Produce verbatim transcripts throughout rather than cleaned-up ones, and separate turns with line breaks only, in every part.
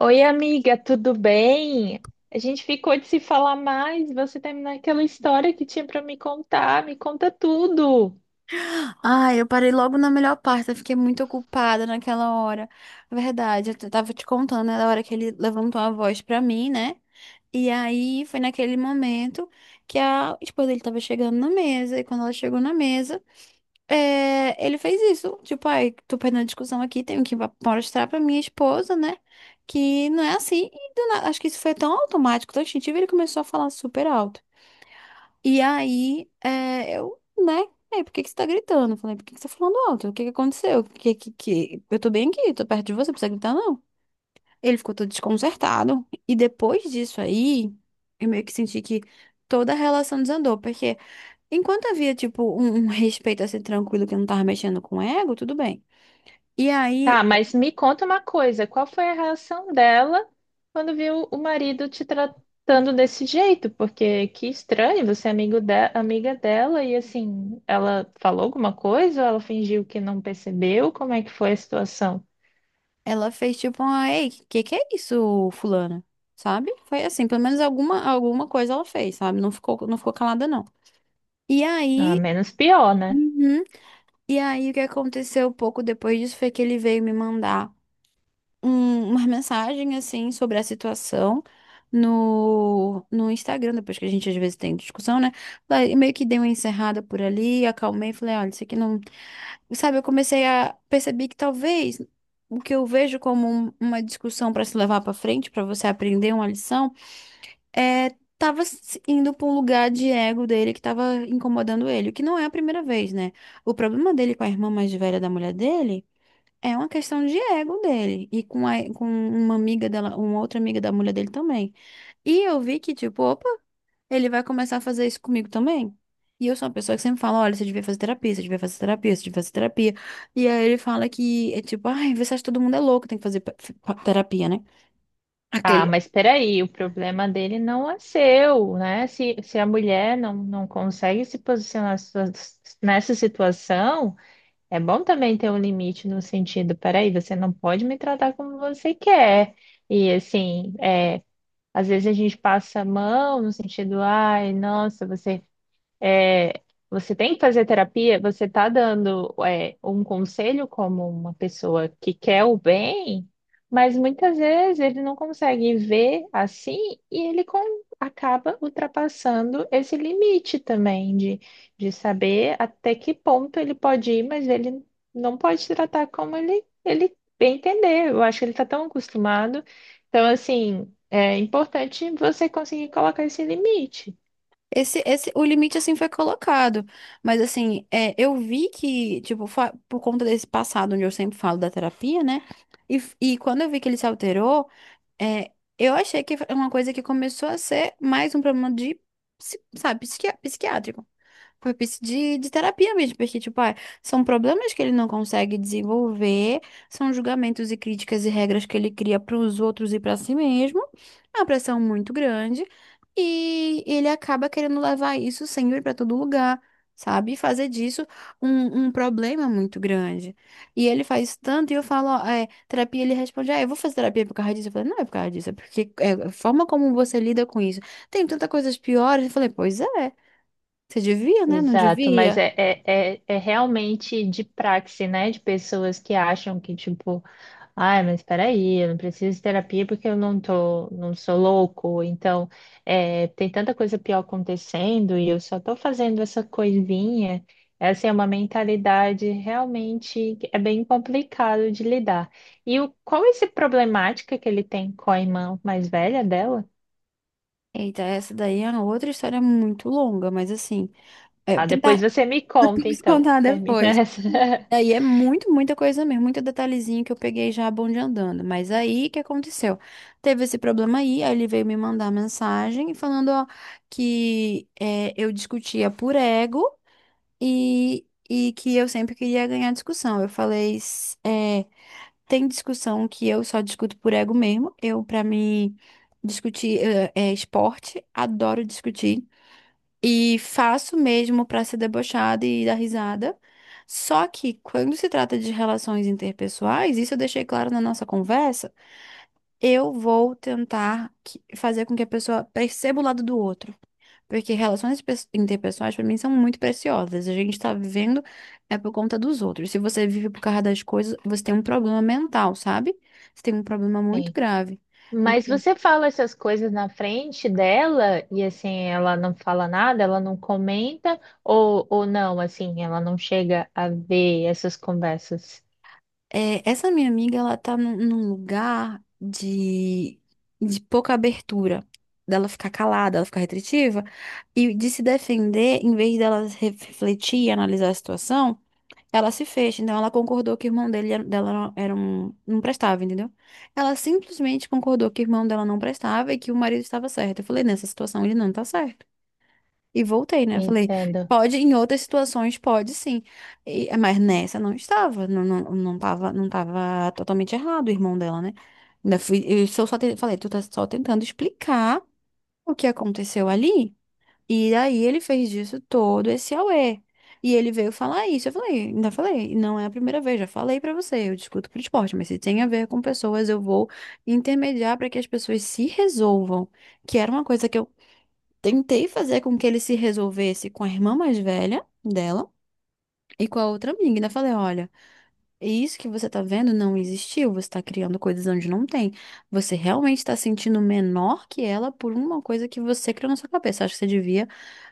Oi, amiga, tudo bem? A gente ficou de se falar mais, você terminou aquela história que tinha para me contar, me conta tudo.
Ah, eu parei logo na melhor parte, eu fiquei muito ocupada naquela hora. Verdade, eu t- tava te contando, né, da hora que ele levantou a voz pra mim, né? E aí foi naquele momento que a esposa dele tava chegando na mesa, e quando ela chegou na mesa, é, ele fez isso. Tipo, ai, tô perdendo a discussão aqui, tenho que va- mostrar pra minha esposa, né? Que não é assim. E do nada, acho que isso foi tão automático, tão instintivo, ele começou a falar super alto. E aí, é, eu, né? aí por que que você tá gritando? Eu falei, por que que você tá falando alto? O que que aconteceu? Que, que, que... Eu tô bem aqui, tô perto de você, não precisa gritar, não. Ele ficou todo desconcertado. E depois disso aí, eu meio que senti que toda a relação desandou. Porque enquanto havia, tipo, um, um respeito assim, tranquilo, que não tava mexendo com o ego, tudo bem. E aí,
Tá, mas me conta uma coisa, qual foi a reação dela quando viu o marido te tratando desse jeito? Porque que estranho, você é amigo de- amiga dela e assim, ela falou alguma coisa ou ela fingiu que não percebeu? Como é que foi a situação?
ela fez tipo uma, ei, que que é isso, fulana? Sabe? Foi assim, pelo menos alguma, alguma coisa ela fez, sabe? Não ficou, não ficou calada, não. E
Ah,
aí,
menos pior, né?
uhum. E aí, o que aconteceu pouco depois disso foi que ele veio me mandar um, uma mensagem, assim, sobre a situação no, no Instagram, depois que a gente às vezes tem discussão, né? Daí, meio que dei uma encerrada por ali, acalmei, falei, olha, isso aqui não. Sabe, eu comecei a perceber que talvez o que eu vejo como um- uma discussão para se levar para frente, para você aprender uma lição, é, tava s- indo pra um lugar de ego dele que tava incomodando ele, o que não é a primeira vez, né? O problema dele com a irmã mais velha da mulher dele é uma questão de ego dele e com, a, com uma amiga dela, uma outra amiga da mulher dele também. E eu vi que, tipo, opa, ele vai começar a fazer isso comigo também. E eu sou uma pessoa que sempre fala, olha, você devia fazer terapia, você devia fazer terapia, você devia fazer terapia. E aí ele fala que é tipo, ai, você acha que todo mundo é louco, tem que fazer pe- terapia, né?
Ah,
Aquele,
mas peraí, o problema dele não é seu, né? Se, se a mulher não, não consegue se posicionar sua- nessa situação, é bom também ter um limite no sentido, peraí, você não pode me tratar como você quer. E assim, é, às vezes a gente passa a mão no sentido, ai, nossa, você é, você tem que fazer terapia, você está dando, é, um conselho como uma pessoa que quer o bem, mas muitas vezes ele não consegue ver assim e ele com- acaba ultrapassando esse limite também de, de saber até que ponto ele pode ir, mas ele não pode se tratar como ele, ele bem entender. Eu acho que ele está tão acostumado. Então, assim, é importante você conseguir colocar esse limite.
Esse, esse, o limite, assim, foi colocado. Mas, assim, é, eu vi que, tipo, fa- por conta desse passado, onde eu sempre falo da terapia, né? E, f- e quando eu vi que ele se alterou, é, eu achei que é uma coisa que começou a ser mais um problema de, psi- sabe, psiqui- psiquiátrico propício de, de terapia mesmo, porque, tipo, ah, são problemas que ele não consegue desenvolver, são julgamentos e críticas e regras que ele cria para os outros e para si mesmo, é uma pressão muito grande, e ele acaba querendo levar isso sempre para todo lugar, sabe? E fazer disso um, um problema muito grande. E ele faz isso tanto, e eu falo, ó, é, terapia, ele responde, ah, eu vou fazer terapia por causa disso. Eu falei, não é por causa disso, é porque é, a forma como você lida com isso. Tem tantas coisas piores. Eu falei, pois é. Você devia, né? Não
Exato, mas
devia?
é, é, é, é realmente de praxe, né? De pessoas que acham que, tipo, ai, mas peraí, eu não preciso de terapia porque eu não tô, não sou louco, então é, tem tanta coisa pior acontecendo e eu só tô fazendo essa coisinha. Essa é uma mentalidade realmente que é bem complicado de lidar. E o, qual é essa problemática que ele tem com a irmã mais velha dela?
Eita, essa daí é uma outra história muito longa, mas assim, é,
Tá, depois
tentar
você me conta,
depois
então.
contar
Termina
depois.
essa.
Daí é muito, muita coisa mesmo, muito detalhezinho que eu peguei já a bonde andando. Mas aí, o que aconteceu? Teve esse problema aí, aí ele veio me mandar mensagem falando, ó, que é, eu discutia por ego e, e que eu sempre queria ganhar discussão. Eu falei, s- é, tem discussão que eu só discuto por ego mesmo. Eu, pra mim, discutir eh, é, esporte, adoro discutir. E faço mesmo pra ser debochada e dar risada. Só que quando se trata de relações interpessoais, isso eu deixei claro na nossa conversa, eu vou tentar que- fazer com que a pessoa perceba o lado do outro. Porque relações pes- interpessoais, para mim, são muito preciosas. A gente tá vivendo é por conta dos outros. Se você vive por causa das coisas, você tem um problema mental, sabe? Você tem um problema muito grave.
Mas
Então,
você fala essas coisas na frente dela e assim ela não fala nada, ela não comenta ou, ou não, assim, ela não chega a ver essas conversas.
é, essa minha amiga, ela tá num, num lugar de, de pouca abertura. Dela ficar calada, ela ficar retritiva. E de se defender, em vez dela refletir e analisar a situação. Ela se fez, então ela concordou que o irmão dele, era- dela não- era um, não prestava, entendeu? Ela simplesmente concordou que o irmão dela não prestava e que o marido estava certo. Eu falei, nessa situação ele não tá certo. E voltei, né? Eu falei,
Entendo.
pode, em outras situações pode sim. E- mas nessa não estava, não, não, não tava, não tava totalmente errado o irmão dela, né? Ainda fui, eu só, só te- falei, tu tá só tentando explicar o que aconteceu ali. E daí ele fez disso todo esse auê. E ele veio falar isso. Eu falei, ainda falei, não é a primeira vez, já falei pra você, eu discuto pro esporte, mas se tem a ver com pessoas, eu vou intermediar pra que as pessoas se resolvam. Que era uma coisa que eu tentei fazer com que ele se resolvesse com a irmã mais velha dela e com a outra amiga. Ainda falei, olha. E isso que você tá vendo não existiu, você tá criando coisas onde não tem. Você realmente tá sentindo menor que ela por uma coisa que você criou na sua cabeça. Acho que você devia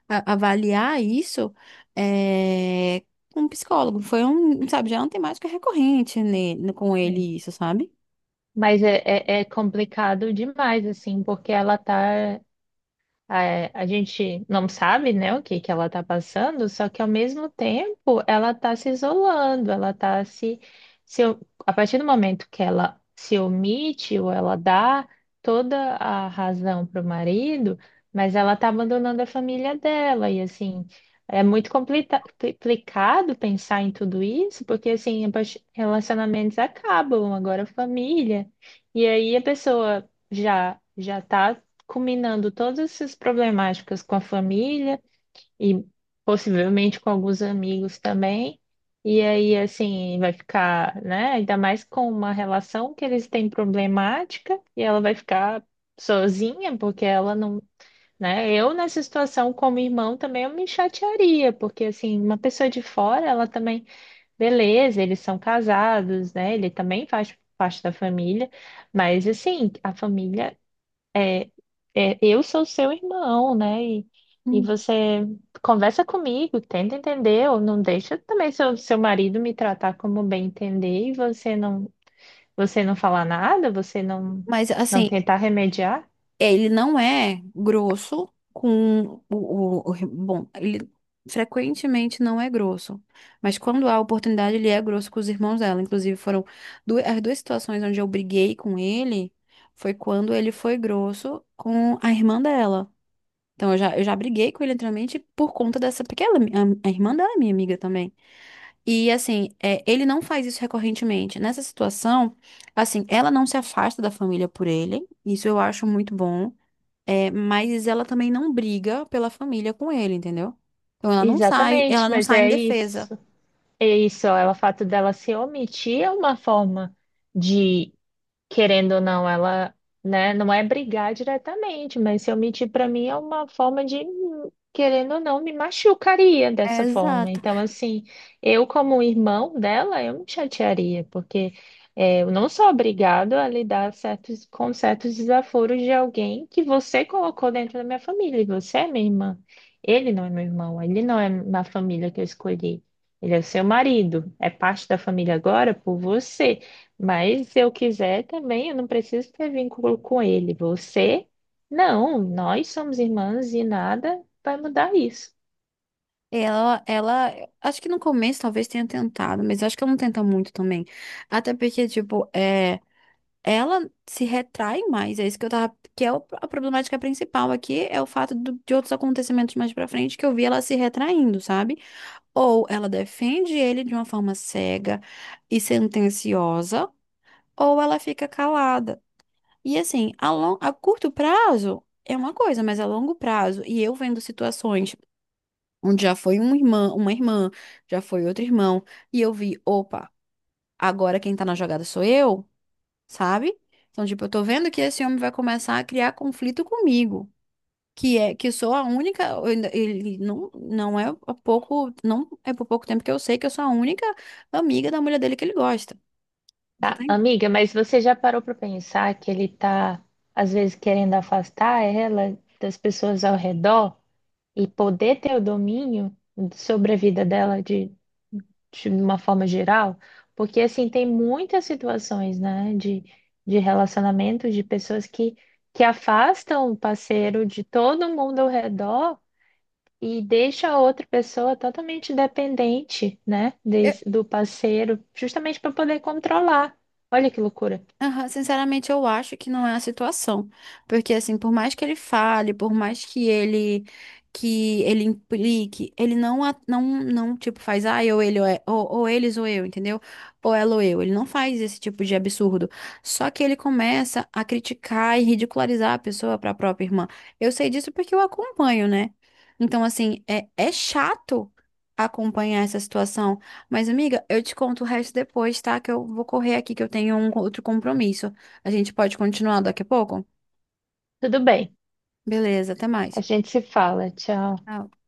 a- avaliar isso é, com um psicólogo. Foi um, sabe, já é uma temática recorrente ne- com ele isso, sabe?
Mas é, é, é complicado demais, assim, porque ela tá. É, a gente não sabe, né, o que que ela está passando, só que ao mesmo tempo ela está se isolando, ela está se, se. A partir do momento que ela se omite ou ela dá toda a razão para o marido, mas ela está abandonando a família dela. E assim, é muito complica- complicado pensar em tudo isso, porque assim, a parti- relacionamentos acabam, agora família. E aí a pessoa já já tá combinando todas essas problemáticas com a família e possivelmente com alguns amigos também. E aí, assim, vai ficar, né? Ainda mais com uma relação que eles têm problemática e ela vai ficar sozinha, porque ela não, né? Eu nessa situação como irmão também eu me chatearia, porque assim, uma pessoa de fora, ela também, beleza, eles são casados, né? Ele também faz parte da família, mas assim, a família é, eu sou seu irmão, né? E, e
Hum.
você conversa comigo, tenta entender, ou não deixa também seu, seu marido me tratar como bem entender e você não, você não falar nada, você não,
Mas
não
assim.
tentar remediar.
É, ele não é grosso com o, o- o- bom, ele frequentemente não é grosso, mas quando há oportunidade, ele é grosso com os irmãos dela. Inclusive, foram du- as duas situações onde eu briguei com ele foi quando ele foi grosso com a irmã dela. Então, eu já, eu já briguei com ele anteriormente por conta dessa, porque ela, é a, a irmã dela é minha amiga também. E assim, é, ele não faz isso recorrentemente. Nessa situação, assim, ela não se afasta da família por ele. Isso eu acho muito bom. É, mas ela também não briga pela família com ele, entendeu? Então ela não sai, ela
Exatamente,
não
mas
sai em
é
defesa.
isso. É isso, ela, o fato dela se omitir é uma forma de querendo ou não, ela, né, não é brigar diretamente, mas se eu mentir para mim é uma forma de, querendo ou não, me machucaria
É,
dessa forma.
exato.
Então, assim, eu como irmão dela, eu me chatearia, porque é, eu não sou obrigado a lidar certos, com certos desaforos de alguém que você colocou dentro da minha família, e você é minha irmã. Ele não é meu irmão, ele não é na família que eu escolhi. Ele é seu marido, é parte da família agora por você. Mas se eu quiser também, eu não preciso ter vínculo com ele. Você, não, nós somos irmãs e nada vai mudar isso.
Ela, ela, acho que no começo talvez tenha tentado, mas acho que ela não tenta muito também. Até porque, tipo, é, ela se retrai mais, é isso que eu tava, que é o- a problemática principal aqui, é o fato do- de outros acontecimentos mais pra frente que eu vi ela se retraindo, sabe? Ou ela defende ele de uma forma cega e sentenciosa, ou ela fica calada. E assim, a, lon- a curto prazo é uma coisa, mas a longo prazo, e eu vendo situações onde já foi um irmã, uma irmã, já foi outro irmão, e eu vi, opa, agora quem tá na jogada sou eu, sabe? Então, tipo, eu tô vendo que esse homem vai começar a criar conflito comigo. Que é que eu sou a única, eu ainda- ele não, não é há pouco, não é por pouco tempo que eu sei que eu sou a única amiga da mulher dele que ele gosta. Você tá
Tá,
entendendo?
amiga, mas você já parou para pensar que ele tá, às vezes, querendo afastar ela das pessoas ao redor e poder ter o domínio sobre a vida dela, de uma forma geral, porque assim tem muitas situações, né, de, de relacionamento de pessoas que, que afastam o parceiro de todo mundo ao redor e deixa a outra pessoa totalmente dependente, né, des- do parceiro, justamente para poder controlar. Olha que loucura.
Aham, sinceramente, eu acho que não é a situação. Porque, assim, por mais que ele fale, por mais que ele que ele implique, ele não, a- não, não tipo, faz, ah, eu, ele, ou, é- ou, ou eles ou eu, entendeu? Ou ela ou eu. Ele não faz esse tipo de absurdo. Só que ele começa a criticar e ridicularizar a pessoa para a própria irmã. Eu sei disso porque eu acompanho, né? Então, assim, é, é chato acompanhar essa situação. Mas, amiga, eu te conto o resto depois, tá? Que eu vou correr aqui, que eu tenho um outro compromisso. A gente pode continuar daqui a pouco?
Tudo bem,
Beleza, até mais.
a gente se fala. Tchau.
Tchau.